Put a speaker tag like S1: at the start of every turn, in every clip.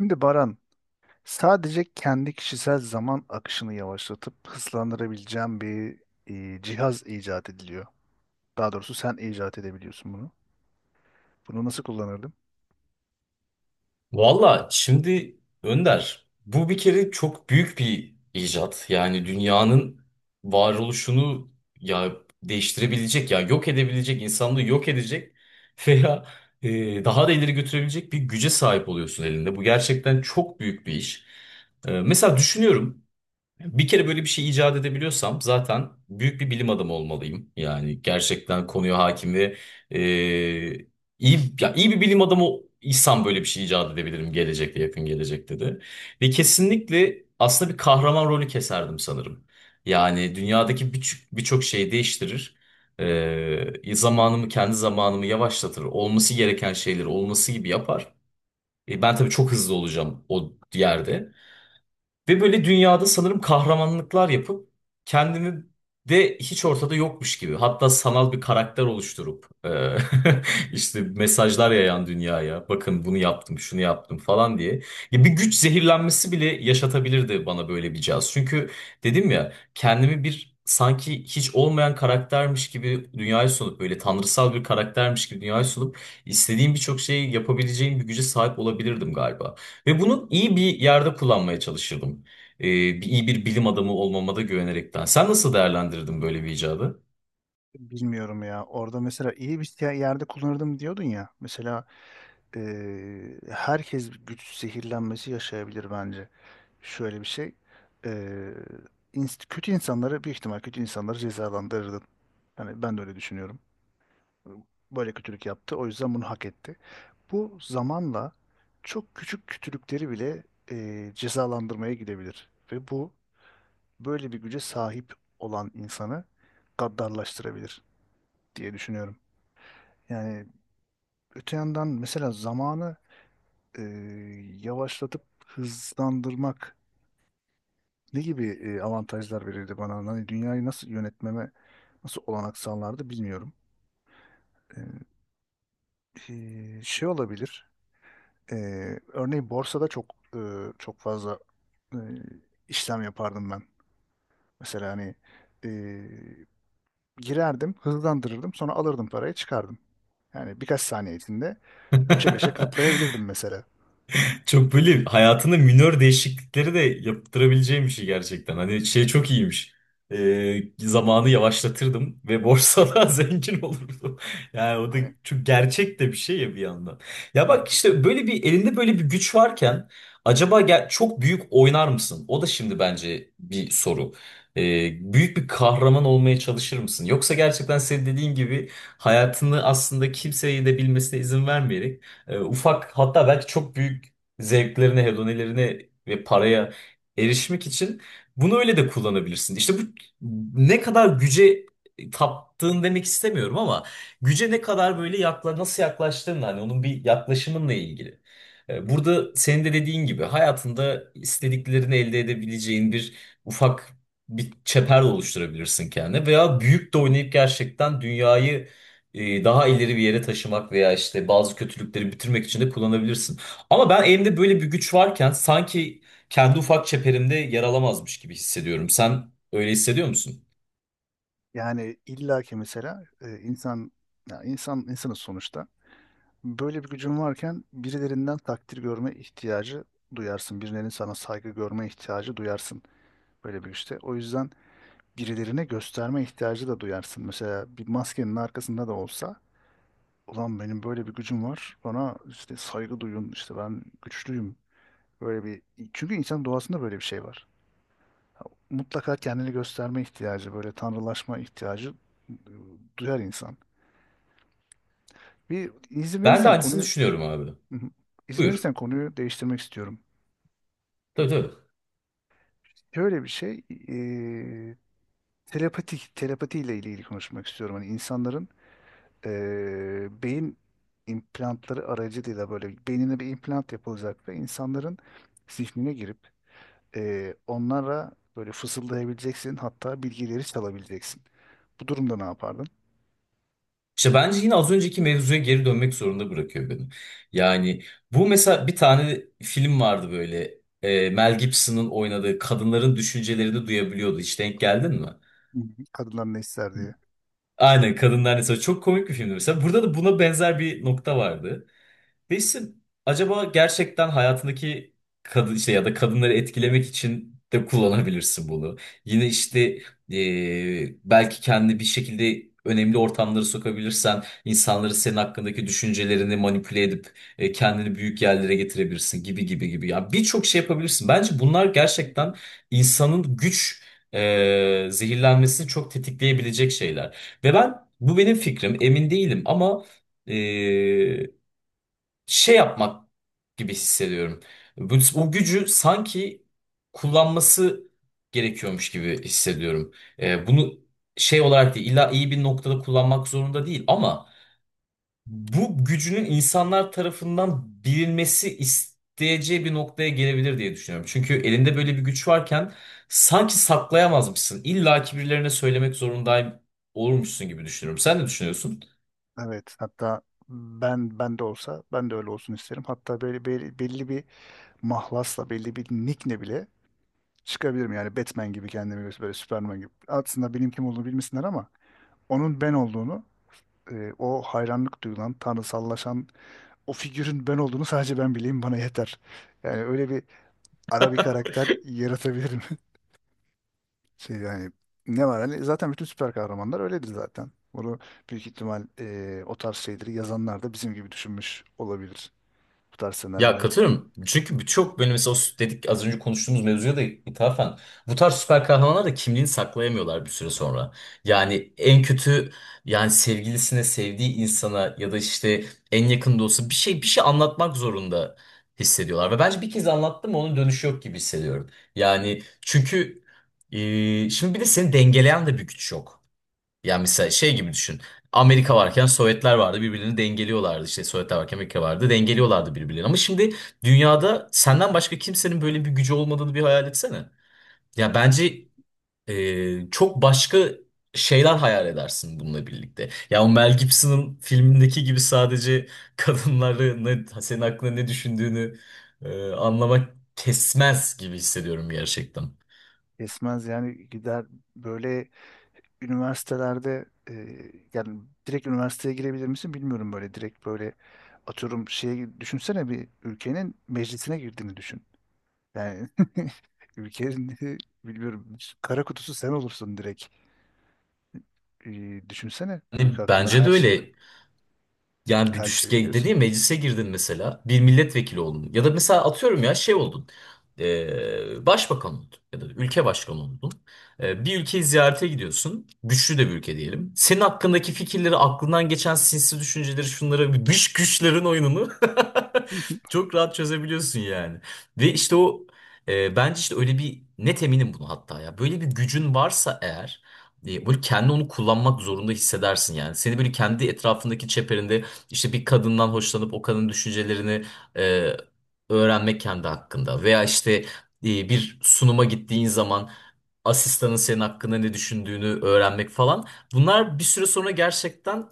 S1: Şimdi Baran, sadece kendi kişisel zaman akışını yavaşlatıp hızlandırabileceğim bir cihaz icat ediliyor. Daha doğrusu sen icat edebiliyorsun bunu. Bunu nasıl kullanırdım?
S2: Valla şimdi Önder, bu bir kere çok büyük bir icat. Yani dünyanın varoluşunu ya değiştirebilecek ya yok edebilecek, insanlığı yok edecek veya daha da ileri götürebilecek bir güce sahip oluyorsun elinde. Bu gerçekten çok büyük bir iş. Mesela düşünüyorum. Bir kere böyle bir şey icat edebiliyorsam zaten büyük bir bilim adamı olmalıyım. Yani gerçekten konuya hakim ve e, iyi, ya iyi bir bilim adamı isem böyle bir şey icat edebilirim gelecekte yakın gelecekte de. Ve kesinlikle aslında bir kahraman rolü keserdim sanırım. Yani dünyadaki birçok şeyi değiştirir. Zamanımı kendi zamanımı yavaşlatır. Olması gereken şeyleri olması gibi yapar. Ben tabii çok hızlı olacağım o yerde. Ve böyle dünyada sanırım kahramanlıklar yapıp kendimi de hiç ortada yokmuş gibi. Hatta sanal bir karakter oluşturup işte mesajlar yayan dünyaya. Bakın bunu yaptım, şunu yaptım falan diye. Ya bir güç zehirlenmesi bile yaşatabilirdi bana böyle bir caz. Çünkü dedim ya kendimi bir sanki hiç olmayan karaktermiş gibi dünyaya sunup böyle tanrısal bir karaktermiş gibi dünyaya sunup istediğim birçok şeyi yapabileceğim bir güce sahip olabilirdim galiba. Ve bunu iyi bir yerde kullanmaya çalışırdım. İyi bir bilim adamı olmama da güvenerekten. Sen nasıl değerlendirdin böyle bir icadı?
S1: Bilmiyorum ya. Orada mesela iyi bir yerde kullanırdım diyordun ya. Mesela herkes güç zehirlenmesi yaşayabilir bence. Şöyle bir şey. E, Kötü insanları büyük ihtimal kötü insanları cezalandırırdın. Yani ben de öyle düşünüyorum. Böyle kötülük yaptı, o yüzden bunu hak etti. Bu zamanla çok küçük kötülükleri bile cezalandırmaya gidebilir. Ve bu böyle bir güce sahip olan insanı gaddarlaştırabilir diye düşünüyorum. Yani öte yandan mesela zamanı e, yavaşlatıp hızlandırmak ne gibi avantajlar verirdi bana? Hani dünyayı nasıl yönetmeme nasıl olanak sağlardı bilmiyorum. E, Şey olabilir. Örneğin borsada çok fazla e, işlem yapardım ben. Mesela hani e, girerdim, hızlandırırdım, sonra alırdım parayı, çıkardım. Yani birkaç saniye içinde 3'e 5'e katlayabilirdim mesela.
S2: Çok böyle hayatında minör değişiklikleri de yaptırabileceğim bir şey gerçekten. Hani şey çok iyiymiş. Zamanı yavaşlatırdım ve borsada zengin olurdum. Yani o da
S1: Hani,
S2: çok gerçek de bir şey ya bir yandan. Ya
S1: hı hı.
S2: bak işte böyle bir elinde böyle bir güç varken acaba çok büyük oynar mısın? O da şimdi bence bir soru. Büyük bir kahraman olmaya çalışır mısın? Yoksa gerçekten senin dediğin gibi hayatını aslında kimseyi de bilmesine izin vermeyerek ufak hatta belki çok büyük zevklerine, hedonilerine ve paraya erişmek için bunu öyle de kullanabilirsin. İşte bu ne kadar güce taptığın demek istemiyorum ama güce ne kadar böyle nasıl yaklaştığın hani onun bir yaklaşımınla ilgili. Burada senin de dediğin gibi hayatında istediklerini elde edebileceğin bir ufak çember oluşturabilirsin kendine veya büyük de oynayıp gerçekten dünyayı daha ileri bir yere taşımak veya işte bazı kötülükleri bitirmek için de kullanabilirsin. Ama ben elimde böyle bir güç varken sanki kendi ufak çeperimde yer alamazmış gibi hissediyorum. Sen öyle hissediyor musun?
S1: Yani illaki mesela insan, ya insan insanız sonuçta. Böyle bir gücün varken birilerinden takdir görme ihtiyacı duyarsın. Birilerinin sana saygı görme ihtiyacı duyarsın böyle bir işte. O yüzden birilerine gösterme ihtiyacı da duyarsın. Mesela bir maskenin arkasında da olsa ulan benim böyle bir gücüm var. Bana işte saygı duyun, işte ben güçlüyüm. Böyle bir, çünkü insan doğasında böyle bir şey var. Mutlaka kendini gösterme ihtiyacı, böyle tanrılaşma ihtiyacı e, duyar insan. Bir izin
S2: Ben de
S1: verirsen
S2: aynısını
S1: konuyu,
S2: düşünüyorum abi.
S1: hı hı, izin
S2: Buyur.
S1: verirsen konuyu değiştirmek istiyorum.
S2: Tabii, tabii.
S1: Şöyle bir şey, telepati ile ilgili konuşmak istiyorum. Hani insanların beyin implantları aracılığıyla böyle beynine bir implant yapılacak ve insanların zihnine girip onlara böyle fısıldayabileceksin, hatta bilgileri çalabileceksin. Bu durumda ne yapardın?
S2: İşte bence yine az önceki mevzuya geri dönmek zorunda bırakıyor beni. Yani bu mesela bir tane film vardı böyle. Mel Gibson'ın oynadığı kadınların düşüncelerini duyabiliyordu. Hiç denk geldin mi?
S1: Hı hı. Kadınlar ne ister diye.
S2: Aynen, kadınlar mesela çok komik bir filmdi mesela. Burada da buna benzer bir nokta vardı. Resim acaba gerçekten hayatındaki kadın işte ya da kadınları etkilemek için de kullanabilirsin bunu. Yine
S1: Hı.
S2: işte belki kendi bir şekilde önemli ortamlara sokabilirsen insanları senin hakkındaki düşüncelerini manipüle edip kendini büyük yerlere getirebilirsin gibi gibi gibi. Ya birçok şey yapabilirsin. Bence bunlar gerçekten insanın güç zehirlenmesini çok tetikleyebilecek şeyler. Ve ben bu benim fikrim emin değilim ama ee, şey yapmak gibi hissediyorum. Bu, o gücü sanki kullanması gerekiyormuş gibi hissediyorum. Bunu şey olarak değil, illa iyi bir noktada kullanmak zorunda değil ama bu gücünün insanlar tarafından bilinmesi isteyeceği bir noktaya gelebilir diye düşünüyorum. Çünkü elinde böyle bir güç varken sanki saklayamazmışsın. İlla ki birilerine söylemek zorundayım olurmuşsun gibi düşünüyorum. Sen ne düşünüyorsun?
S1: Evet, hatta ben de olsa ben de öyle olsun isterim. Hatta böyle belli bir mahlasla, belli bir nickle bile çıkabilirim. Yani Batman gibi, kendimi böyle Superman gibi. Aslında benim kim olduğunu bilmesinler ama onun ben olduğunu, o hayranlık duyulan, tanrısallaşan o figürün ben olduğunu sadece ben bileyim, bana yeter. Yani öyle bir ara bir karakter yaratabilirim. Şey, yani ne var, hani zaten bütün süper kahramanlar öyledir zaten. Bunu büyük ihtimal o tarz şeyleri yazanlar da bizim gibi düşünmüş olabilir, bu tarz
S2: Ya
S1: senaryoları.
S2: katılıyorum. Çünkü birçok böyle mesela dedik az önce konuştuğumuz mevzuya da ithafen bu tarz süper kahramanlar da kimliğini saklayamıyorlar bir süre sonra. Yani en kötü yani sevgilisine, sevdiği insana ya da işte en yakın dostu bir şey anlatmak zorunda hissediyorlar. Ve bence bir kez anlattım onun dönüşü yok gibi hissediyorum. Yani çünkü şimdi bir de seni dengeleyen de bir güç yok. Yani mesela şey gibi düşün. Amerika varken Sovyetler vardı birbirini dengeliyorlardı. İşte Sovyetler varken Amerika vardı dengeliyorlardı birbirlerini. Ama şimdi dünyada senden başka kimsenin böyle bir gücü olmadığını bir hayal etsene. Ya bence çok başka şeyler hayal edersin bununla birlikte. Ya o Mel Gibson'ın filmindeki gibi sadece kadınları ne, senin aklına ne düşündüğünü anlamak kesmez gibi hissediyorum gerçekten.
S1: Esmez, yani gider böyle üniversitelerde, yani direkt üniversiteye girebilir misin bilmiyorum, böyle direkt, böyle atıyorum şey, düşünsene bir ülkenin meclisine girdiğini düşün. Yani ülkenin bilmiyorum, kara kutusu sen olursun direkt. Düşünsene, ülke
S2: Yani
S1: hakkında
S2: bence de
S1: her şey,
S2: öyle. Yani bir
S1: her
S2: düş
S1: şey biliyorsun.
S2: dediğim meclise girdin mesela bir milletvekili oldun ya da mesela atıyorum ya şey oldun, başbakan oldun ya da ülke başkanı oldun. Bir ülkeyi ziyarete gidiyorsun güçlü de bir ülke diyelim, senin hakkındaki fikirleri aklından geçen sinsi düşünceleri şunları dış güçlerin oyununu
S1: Hı
S2: çok rahat çözebiliyorsun yani ve işte o bence işte öyle bir net eminim bunu hatta ya böyle bir gücün varsa eğer böyle kendi onu kullanmak zorunda hissedersin yani. Seni böyle kendi etrafındaki çeperinde işte bir kadından hoşlanıp o kadının düşüncelerini e, öğrenmek kendi hakkında veya işte bir sunuma gittiğin zaman asistanın senin hakkında ne düşündüğünü öğrenmek falan bunlar bir süre sonra gerçekten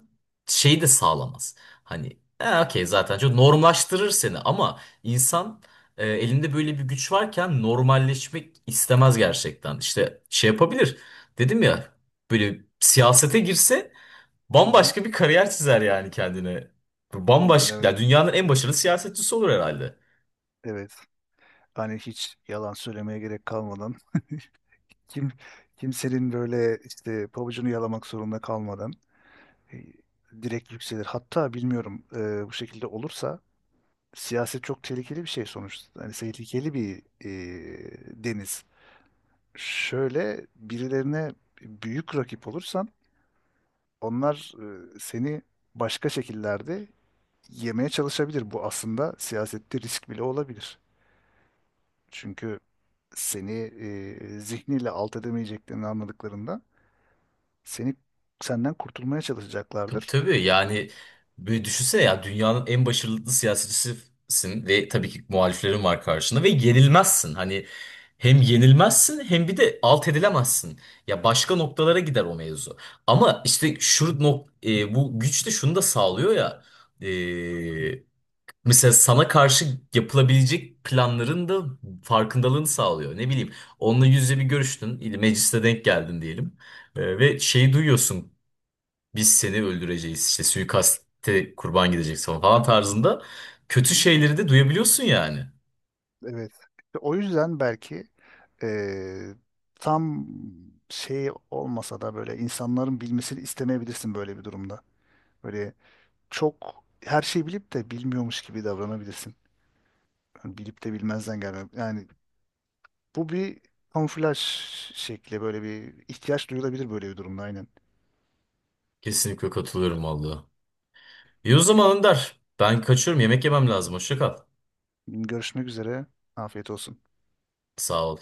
S2: şeyi de sağlamaz. Hani okey zaten çok normlaştırır seni ama insan elinde böyle bir güç varken normalleşmek istemez gerçekten. İşte şey yapabilir. Dedim ya böyle siyasete girse
S1: hı.
S2: bambaşka bir kariyer çizer yani kendine. Bambaşka,
S1: Evet,
S2: ya dünyanın en başarılı siyasetçisi olur herhalde.
S1: evet. Hani hiç yalan söylemeye gerek kalmadan, kim kimsenin böyle işte pabucunu yalamak zorunda kalmadan e, direkt yükselir. Hatta bilmiyorum, bu şekilde olursa siyaset çok tehlikeli bir şey sonuçta. Hani tehlikeli bir deniz. Şöyle birilerine büyük rakip olursan, onlar seni başka şekillerde yemeye çalışabilir. Bu aslında siyasette risk bile olabilir. Çünkü seni zihniyle alt edemeyeceklerini anladıklarında seni, senden kurtulmaya
S2: Tabii,
S1: çalışacaklardır.
S2: tabii, yani böyle düşünsene ya dünyanın en başarılı siyasetçisisin ve tabii ki muhaliflerin var karşında ve yenilmezsin. Hani hem yenilmezsin hem bir de alt edilemezsin. Ya başka noktalara gider o mevzu. Ama işte bu güç de şunu da sağlıyor ya. e, Mesela sana karşı yapılabilecek planların da farkındalığını sağlıyor. Ne bileyim, onunla yüz yüze bir görüştün, mecliste denk geldin diyelim. Ve şeyi duyuyorsun, biz seni öldüreceğiz, işte suikaste kurban gideceksin falan falan tarzında.
S1: Hı
S2: Kötü
S1: hı.
S2: şeyleri de duyabiliyorsun yani.
S1: Evet. İşte o yüzden belki e, tam şey olmasa da böyle insanların bilmesini istemeyebilirsin böyle bir durumda. Böyle çok, her şeyi bilip de bilmiyormuş gibi davranabilirsin. Yani bilip de bilmezden gelme. Yani bu bir kamuflaj şekli, böyle bir ihtiyaç duyulabilir böyle bir durumda, aynen.
S2: Kesinlikle katılıyorum vallahi. İyi o zaman Önder, ben kaçıyorum, yemek yemem lazım, hoşça kal.
S1: Görüşmek üzere. Afiyet olsun.
S2: Sağ ol.